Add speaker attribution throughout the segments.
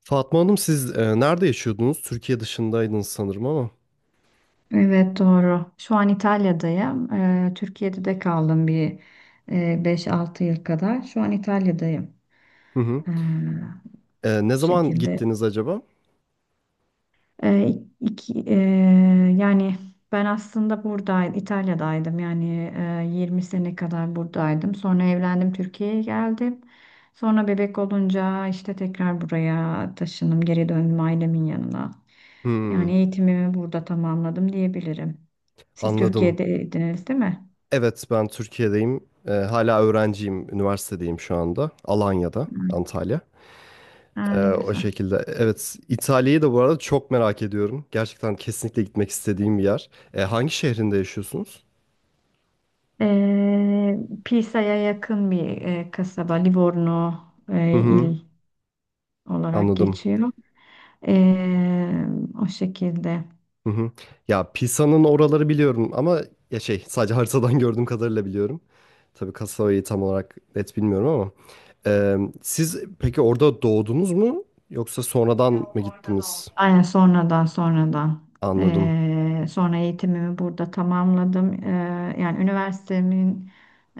Speaker 1: Fatma Hanım siz nerede yaşıyordunuz? Türkiye dışındaydınız sanırım ama.
Speaker 2: Evet doğru. Şu an İtalya'dayım. Türkiye'de de kaldım bir e, 5-6 yıl kadar. Şu an İtalya'dayım.
Speaker 1: Hı hı.
Speaker 2: Bu
Speaker 1: Ne zaman
Speaker 2: şekilde.
Speaker 1: gittiniz acaba?
Speaker 2: Ee, iki, e, yani ben aslında burada İtalya'daydım yani 20 sene kadar buradaydım. Sonra evlendim, Türkiye'ye geldim. Sonra bebek olunca işte tekrar buraya taşındım, geri döndüm ailemin yanına. Yani
Speaker 1: Hmm,
Speaker 2: eğitimimi burada tamamladım diyebilirim. Siz
Speaker 1: anladım.
Speaker 2: Türkiye'deydiniz, değil mi?
Speaker 1: Evet ben Türkiye'deyim. Hala öğrenciyim. Üniversitedeyim şu anda. Alanya'da,
Speaker 2: Hı.
Speaker 1: Antalya.
Speaker 2: Aa, ne
Speaker 1: O
Speaker 2: güzel.
Speaker 1: şekilde. Evet İtalya'yı da bu arada çok merak ediyorum. Gerçekten kesinlikle gitmek istediğim bir yer. Hangi şehrinde yaşıyorsunuz?
Speaker 2: Ee, Pisa'ya yakın bir kasaba, Livorno
Speaker 1: Hı hı,
Speaker 2: il olarak
Speaker 1: anladım.
Speaker 2: geçiyor. Ee, o şekilde.
Speaker 1: Hı hı. Ya Pisa'nın oraları biliyorum ama ya şey sadece haritadan gördüğüm kadarıyla biliyorum. Tabii kasabayı tam olarak net bilmiyorum ama. Siz peki orada doğdunuz mu yoksa sonradan mı
Speaker 2: Yok, orada da olmuyor.
Speaker 1: gittiniz?
Speaker 2: Aynen, sonradan sonradan.
Speaker 1: Anladım.
Speaker 2: Sonra eğitimimi burada tamamladım. Yani üniversitemin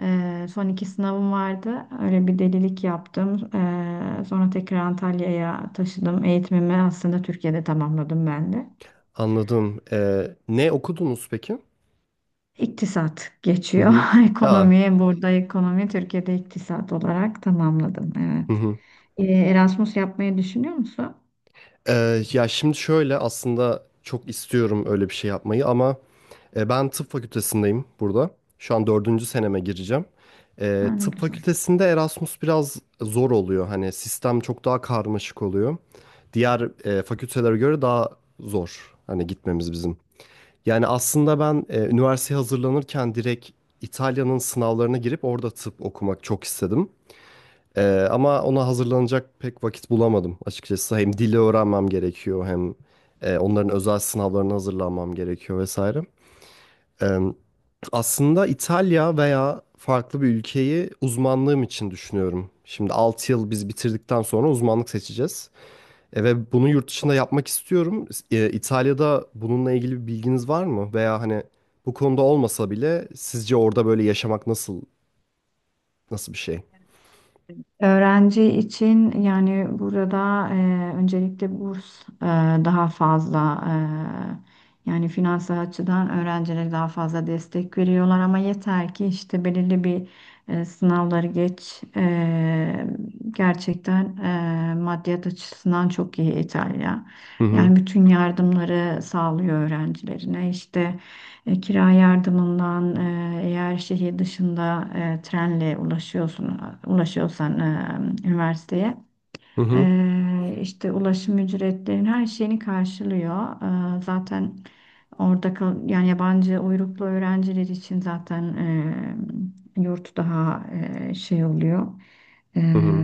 Speaker 2: son iki sınavım vardı. Öyle bir delilik yaptım. Sonra tekrar Antalya'ya taşıdım. Eğitimimi aslında Türkiye'de tamamladım ben de.
Speaker 1: Anladım. Ne okudunuz peki?
Speaker 2: İktisat
Speaker 1: Hı
Speaker 2: geçiyor.
Speaker 1: hı. Aa,
Speaker 2: Ekonomi burada, ekonomi Türkiye'de iktisat olarak tamamladım.
Speaker 1: hı
Speaker 2: Evet.
Speaker 1: hı.
Speaker 2: Erasmus yapmayı düşünüyor musun?
Speaker 1: Ya şimdi şöyle aslında çok istiyorum öyle bir şey yapmayı ama ben tıp fakültesindeyim burada. Şu an dördüncü seneme gireceğim.
Speaker 2: Ha, ne
Speaker 1: Tıp
Speaker 2: güzel.
Speaker 1: fakültesinde Erasmus biraz zor oluyor. Hani sistem çok daha karmaşık oluyor. Diğer fakültelere göre daha zor. Hani gitmemiz bizim. Yani aslında ben üniversiteye hazırlanırken direkt İtalya'nın sınavlarına girip orada tıp okumak çok istedim. Ama ona hazırlanacak pek vakit bulamadım açıkçası. Hem dili öğrenmem gerekiyor hem onların özel sınavlarına hazırlanmam gerekiyor vesaire. Aslında İtalya veya farklı bir ülkeyi uzmanlığım için düşünüyorum. Şimdi 6 yıl biz bitirdikten sonra uzmanlık seçeceğiz. Ve bunu yurt dışında yapmak istiyorum. İtalya'da bununla ilgili bir bilginiz var mı? Veya hani bu konuda olmasa bile sizce orada böyle yaşamak nasıl bir şey?
Speaker 2: Öğrenci için yani burada öncelikle burs daha fazla yani finansal açıdan öğrencilere daha fazla destek veriyorlar ama yeter ki işte belirli bir sınavları geç. Gerçekten maddiyat açısından çok iyi İtalya.
Speaker 1: Hı hı.
Speaker 2: Yani bütün yardımları sağlıyor öğrencilerine işte. Kira yardımından eğer şehir dışında trenle ulaşıyorsan üniversiteye
Speaker 1: Hı hı.
Speaker 2: işte ulaşım ücretlerin her şeyini karşılıyor. Zaten orada kal yani yabancı uyruklu öğrenciler için zaten yurt daha şey oluyor. E,
Speaker 1: Hı hı.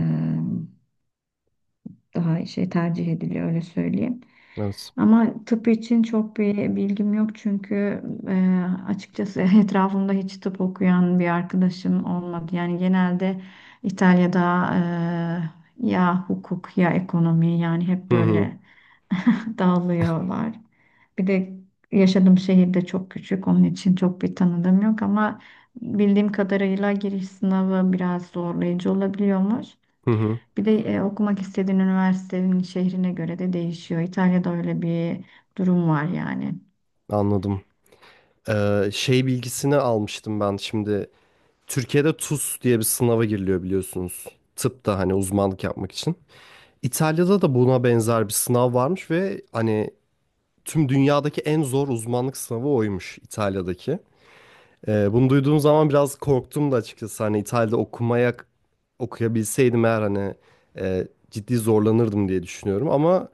Speaker 2: daha şey tercih ediliyor, öyle söyleyeyim.
Speaker 1: Evet.
Speaker 2: Ama tıp için çok bir bilgim yok çünkü e, açıkçası etrafımda hiç tıp okuyan bir arkadaşım olmadı. Yani genelde İtalya'da ya hukuk ya ekonomi, yani hep
Speaker 1: Hı hı.
Speaker 2: böyle dağılıyorlar. Bir de yaşadığım şehir de çok küçük, onun için çok bir tanıdığım yok ama bildiğim kadarıyla giriş sınavı biraz zorlayıcı olabiliyormuş.
Speaker 1: Hı hı.
Speaker 2: Bir de okumak istediğin üniversitenin şehrine göre de değişiyor. İtalya'da öyle bir durum var yani.
Speaker 1: Anladım. Şey bilgisini almıştım ben şimdi. Türkiye'de TUS diye bir sınava giriliyor biliyorsunuz. Tıpta hani uzmanlık yapmak için. İtalya'da da buna benzer bir sınav varmış ve hani tüm dünyadaki en zor uzmanlık sınavı oymuş İtalya'daki. Bunu duyduğum zaman biraz korktum da açıkçası hani İtalya'da okuyabilseydim eğer hani ciddi zorlanırdım diye düşünüyorum ama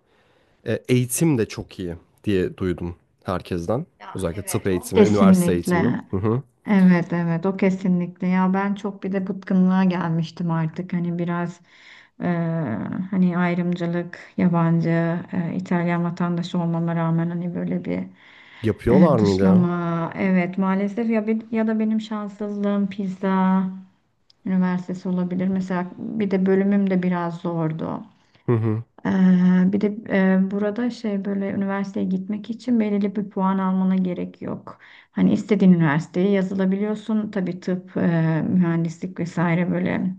Speaker 1: eğitim de çok iyi diye duydum herkesten.
Speaker 2: Ya
Speaker 1: Özellikle tıp
Speaker 2: evet, o
Speaker 1: eğitimi, üniversite
Speaker 2: kesinlikle.
Speaker 1: eğitimi. Hı hı.
Speaker 2: Evet, evet, o kesinlikle. Ya, ben çok bir de bıkkınlığa gelmiştim artık. Hani biraz, e, hani ayrımcılık, yabancı, İtalyan vatandaşı olmama rağmen hani böyle bir
Speaker 1: Yapıyorlar mıydı ya?
Speaker 2: dışlama. Evet, maalesef. Ya bir, ya da benim şanssızlığım pizza üniversitesi olabilir. Mesela bir de bölümüm de biraz zordu.
Speaker 1: Hı hı.
Speaker 2: Ee, bir de burada şey böyle üniversiteye gitmek için belirli bir puan almana gerek yok. Hani istediğin üniversiteye yazılabiliyorsun. Tabii tıp, mühendislik vesaire, böyle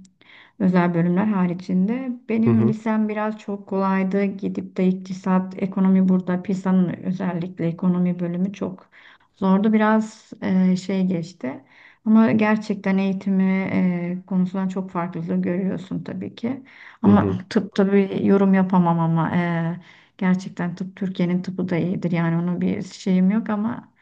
Speaker 2: özel bölümler haricinde.
Speaker 1: Hı
Speaker 2: Benim
Speaker 1: hı.
Speaker 2: lisem biraz çok kolaydı. Gidip de iktisat, ekonomi burada. PISA'nın özellikle ekonomi bölümü çok zordu. Biraz şey geçti. Ama gerçekten eğitimi konusundan çok farklılığı görüyorsun tabii ki.
Speaker 1: Hı
Speaker 2: Ama
Speaker 1: hı.
Speaker 2: tıp tabii yorum yapamam ama gerçekten tıp, Türkiye'nin tıpı da iyidir. Yani onun bir şeyim yok ama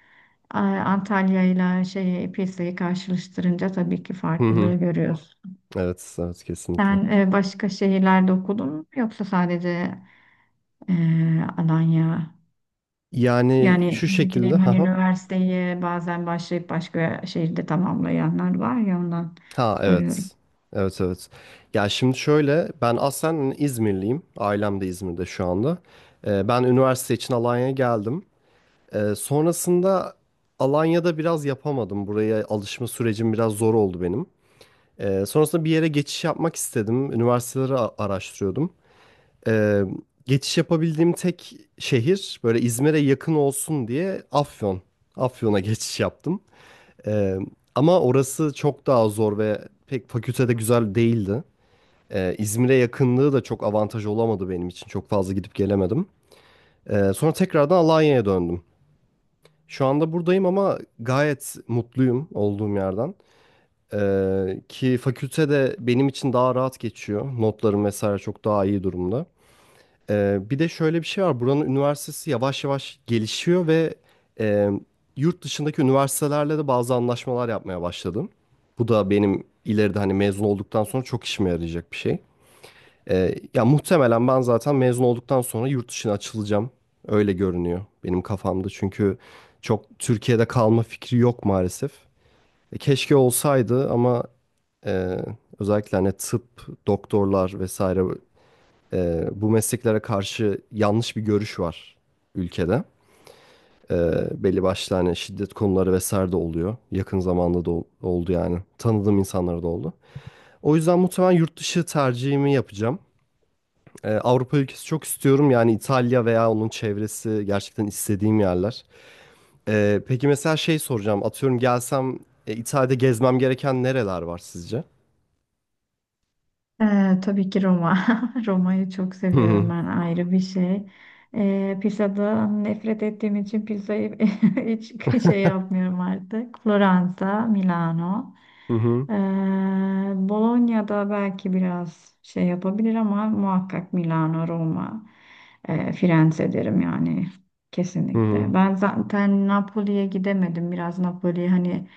Speaker 2: Antalya ile şey, PISA'yı karşılaştırınca tabii ki
Speaker 1: Hı
Speaker 2: farklılığı
Speaker 1: hı.
Speaker 2: görüyoruz.
Speaker 1: Evet, evet kesinlikle.
Speaker 2: Sen başka şehirlerde okudun mu yoksa sadece e, Alanya?
Speaker 1: Yani
Speaker 2: Yani
Speaker 1: şu
Speaker 2: ne
Speaker 1: şekilde.
Speaker 2: bileyim,
Speaker 1: Hı
Speaker 2: hani
Speaker 1: hı.
Speaker 2: üniversiteyi bazen başlayıp başka şehirde tamamlayanlar var ya, ondan
Speaker 1: Ha
Speaker 2: soruyorum.
Speaker 1: evet. Evet evet. Ya şimdi şöyle ben aslen İzmirliyim. Ailem de İzmir'de şu anda. Ben üniversite için Alanya'ya geldim. Sonrasında Alanya'da biraz yapamadım. Buraya alışma sürecim biraz zor oldu benim. Sonrasında bir yere geçiş yapmak istedim. Üniversiteleri araştırıyordum. Ee, Geçiş yapabildiğim tek şehir böyle İzmir'e yakın olsun diye Afyon. Afyon'a geçiş yaptım. Ee, Ama orası çok daha zor ve pek fakültede güzel değildi. İzmir'e yakınlığı da çok avantaj olamadı benim için. Çok fazla gidip gelemedim. Sonra tekrardan Alanya'ya döndüm. Şu anda buradayım ama gayet mutluyum olduğum yerden. Ki fakültede benim için daha rahat geçiyor. Notlarım vesaire çok daha iyi durumda. Bir de şöyle bir şey var. Buranın üniversitesi yavaş yavaş gelişiyor ve e, yurt dışındaki üniversitelerle de bazı anlaşmalar yapmaya başladım. Bu da benim ileride hani mezun olduktan sonra çok işime yarayacak bir şey. Ya muhtemelen ben zaten mezun olduktan sonra yurt dışına açılacağım. Öyle görünüyor benim kafamda. Çünkü çok Türkiye'de kalma fikri yok maalesef. Keşke olsaydı ama e, özellikle hani tıp, doktorlar vesaire bu mesleklere karşı yanlış bir görüş var ülkede. Belli başlı hani şiddet konuları vesaire de oluyor. Yakın zamanda da oldu yani. Tanıdığım insanlara da oldu. O yüzden muhtemelen yurt dışı tercihimi yapacağım. Avrupa ülkesi çok istiyorum. Yani İtalya veya onun çevresi gerçekten istediğim yerler. Peki mesela şey soracağım. Atıyorum gelsem İtalya'da gezmem gereken nereler var sizce?
Speaker 2: Tabii ki Roma. Roma'yı çok
Speaker 1: Hı
Speaker 2: seviyorum
Speaker 1: hı.
Speaker 2: ben, ayrı bir şey. Pizzadan nefret ettiğim için pizzayı hiç şey yapmıyorum artık. Floransa, Milano.
Speaker 1: Hı hı.
Speaker 2: Ee, Bologna'da belki biraz şey yapabilir ama muhakkak Milano, Roma, Firenze derim yani,
Speaker 1: Hı
Speaker 2: kesinlikle.
Speaker 1: hı.
Speaker 2: Ben zaten Napoli'ye gidemedim. Biraz Napoli, hani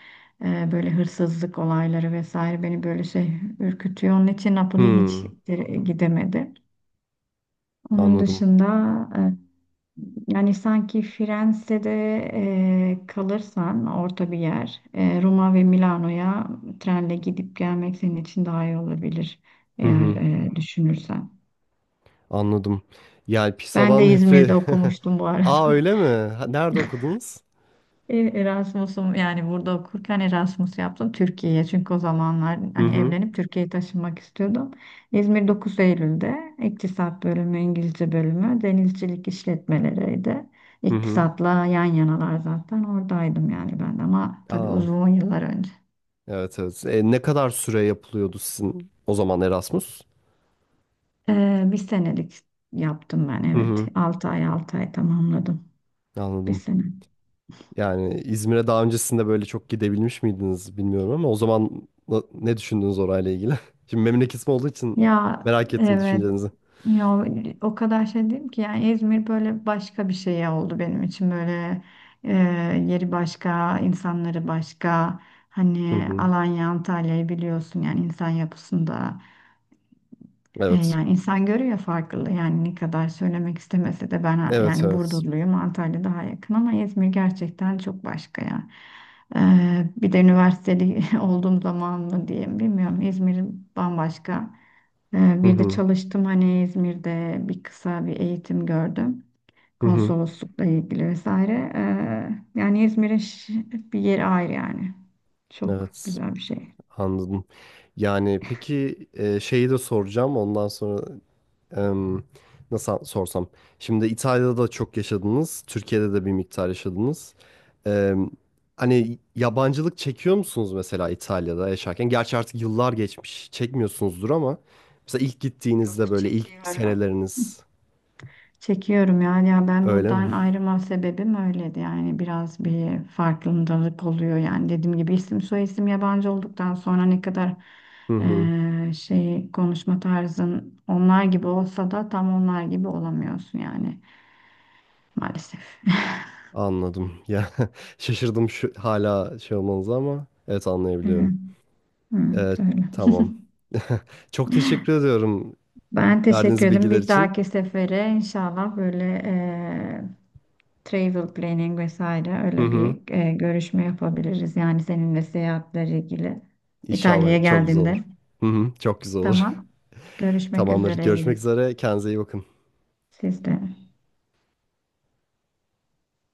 Speaker 2: böyle hırsızlık olayları vesaire beni böyle şey ürkütüyor. Onun için Napoli hiç
Speaker 1: Hı.
Speaker 2: gidemedi. Onun
Speaker 1: Anladım.
Speaker 2: dışında e, yani sanki Firenze'de kalırsan, orta bir yer, Roma ve Milano'ya trenle gidip gelmek senin için daha iyi olabilir
Speaker 1: Hı
Speaker 2: eğer
Speaker 1: hı.
Speaker 2: düşünürsen.
Speaker 1: Anladım. Yani
Speaker 2: Ben de
Speaker 1: PISA'dan nefret.
Speaker 2: İzmir'de okumuştum bu arada.
Speaker 1: Aa öyle mi? Ha, nerede okudunuz?
Speaker 2: Erasmus'um, yani burada okurken Erasmus yaptım Türkiye'ye. Çünkü o zamanlar
Speaker 1: Hı
Speaker 2: hani
Speaker 1: hı.
Speaker 2: evlenip Türkiye'ye taşınmak istiyordum. İzmir Dokuz Eylül'de İktisat bölümü, İngilizce bölümü, denizcilik işletmeleriydi.
Speaker 1: Hı hı.
Speaker 2: İktisatla yan yanalar, zaten oradaydım yani ben de, ama tabii
Speaker 1: Aa
Speaker 2: uzun yıllar önce.
Speaker 1: evet evet. Ne kadar süre yapılıyordu sizin o zaman Erasmus?
Speaker 2: Bir senelik yaptım ben,
Speaker 1: Hı
Speaker 2: evet.
Speaker 1: hı.
Speaker 2: 6 ay 6 ay tamamladım, bir
Speaker 1: Anladım.
Speaker 2: sene.
Speaker 1: Yani İzmir'e daha öncesinde böyle çok gidebilmiş miydiniz bilmiyorum ama o zaman ne düşündünüz orayla ilgili? Şimdi memleketim olduğu için
Speaker 2: Ya,
Speaker 1: merak ettim
Speaker 2: evet.
Speaker 1: düşüncenizi.
Speaker 2: Ya o kadar şey diyeyim ki, yani İzmir böyle başka bir şey oldu benim için, böyle e, yeri başka, insanları başka.
Speaker 1: Hı
Speaker 2: Hani
Speaker 1: hı.
Speaker 2: Alanya, Antalya'yı biliyorsun yani insan yapısında.
Speaker 1: Evet.
Speaker 2: Yani insan görüyor farklılığı, yani ne kadar söylemek istemese de ben
Speaker 1: Evet
Speaker 2: yani
Speaker 1: evet.
Speaker 2: Burdurluyum, Antalya daha yakın ama İzmir gerçekten çok başka ya. Bir de üniversiteli olduğum zaman mı diyeyim bilmiyorum, İzmir bambaşka. E,
Speaker 1: Hı
Speaker 2: bir de
Speaker 1: hı.
Speaker 2: çalıştım, hani İzmir'de bir kısa bir eğitim gördüm
Speaker 1: Hı hı.
Speaker 2: konsoloslukla ilgili vesaire. Yani İzmir'in bir yeri ayrı yani, çok
Speaker 1: Evet.
Speaker 2: güzel bir şey.
Speaker 1: Anladım. Yani peki şeyi de soracağım. Ondan sonra em, nasıl sorsam. Şimdi İtalya'da da çok yaşadınız. Türkiye'de de bir miktar yaşadınız. Em, Hani yabancılık çekiyor musunuz mesela İtalya'da yaşarken? Gerçi artık yıllar geçmiş. Çekmiyorsunuzdur ama mesela ilk gittiğinizde
Speaker 2: Çok
Speaker 1: böyle ilk
Speaker 2: çekiyorum.
Speaker 1: seneleriniz
Speaker 2: Çekiyorum ya. Ya ben
Speaker 1: öyle mi?
Speaker 2: buradan ayrılma sebebim öyleydi. Yani biraz bir farkındalık oluyor. Yani dediğim gibi isim soyisim yabancı olduktan sonra, ne kadar
Speaker 1: Hı hı.
Speaker 2: şey, konuşma tarzın onlar gibi olsa da tam onlar gibi olamıyorsun yani maalesef.
Speaker 1: Anladım. Ya şaşırdım şu hala şey olmanıza ama evet
Speaker 2: Evet,
Speaker 1: anlayabiliyorum. E,
Speaker 2: evet öyle.
Speaker 1: tamam. Çok teşekkür ediyorum
Speaker 2: Ben teşekkür
Speaker 1: verdiğiniz
Speaker 2: ederim.
Speaker 1: bilgiler
Speaker 2: Bir
Speaker 1: için.
Speaker 2: dahaki sefere inşallah böyle eee, travel planning vesaire,
Speaker 1: Hı
Speaker 2: öyle
Speaker 1: hı.
Speaker 2: bir görüşme yapabiliriz. Yani seninle seyahatlerle ilgili İtalya'ya
Speaker 1: İnşallah çok güzel olur.
Speaker 2: geldiğinde.
Speaker 1: Hı hı. Çok güzel olur.
Speaker 2: Tamam. Görüşmek
Speaker 1: Tamamdır.
Speaker 2: üzere.
Speaker 1: Görüşmek
Speaker 2: İyi.
Speaker 1: üzere. Kendinize iyi bakın.
Speaker 2: Siz de.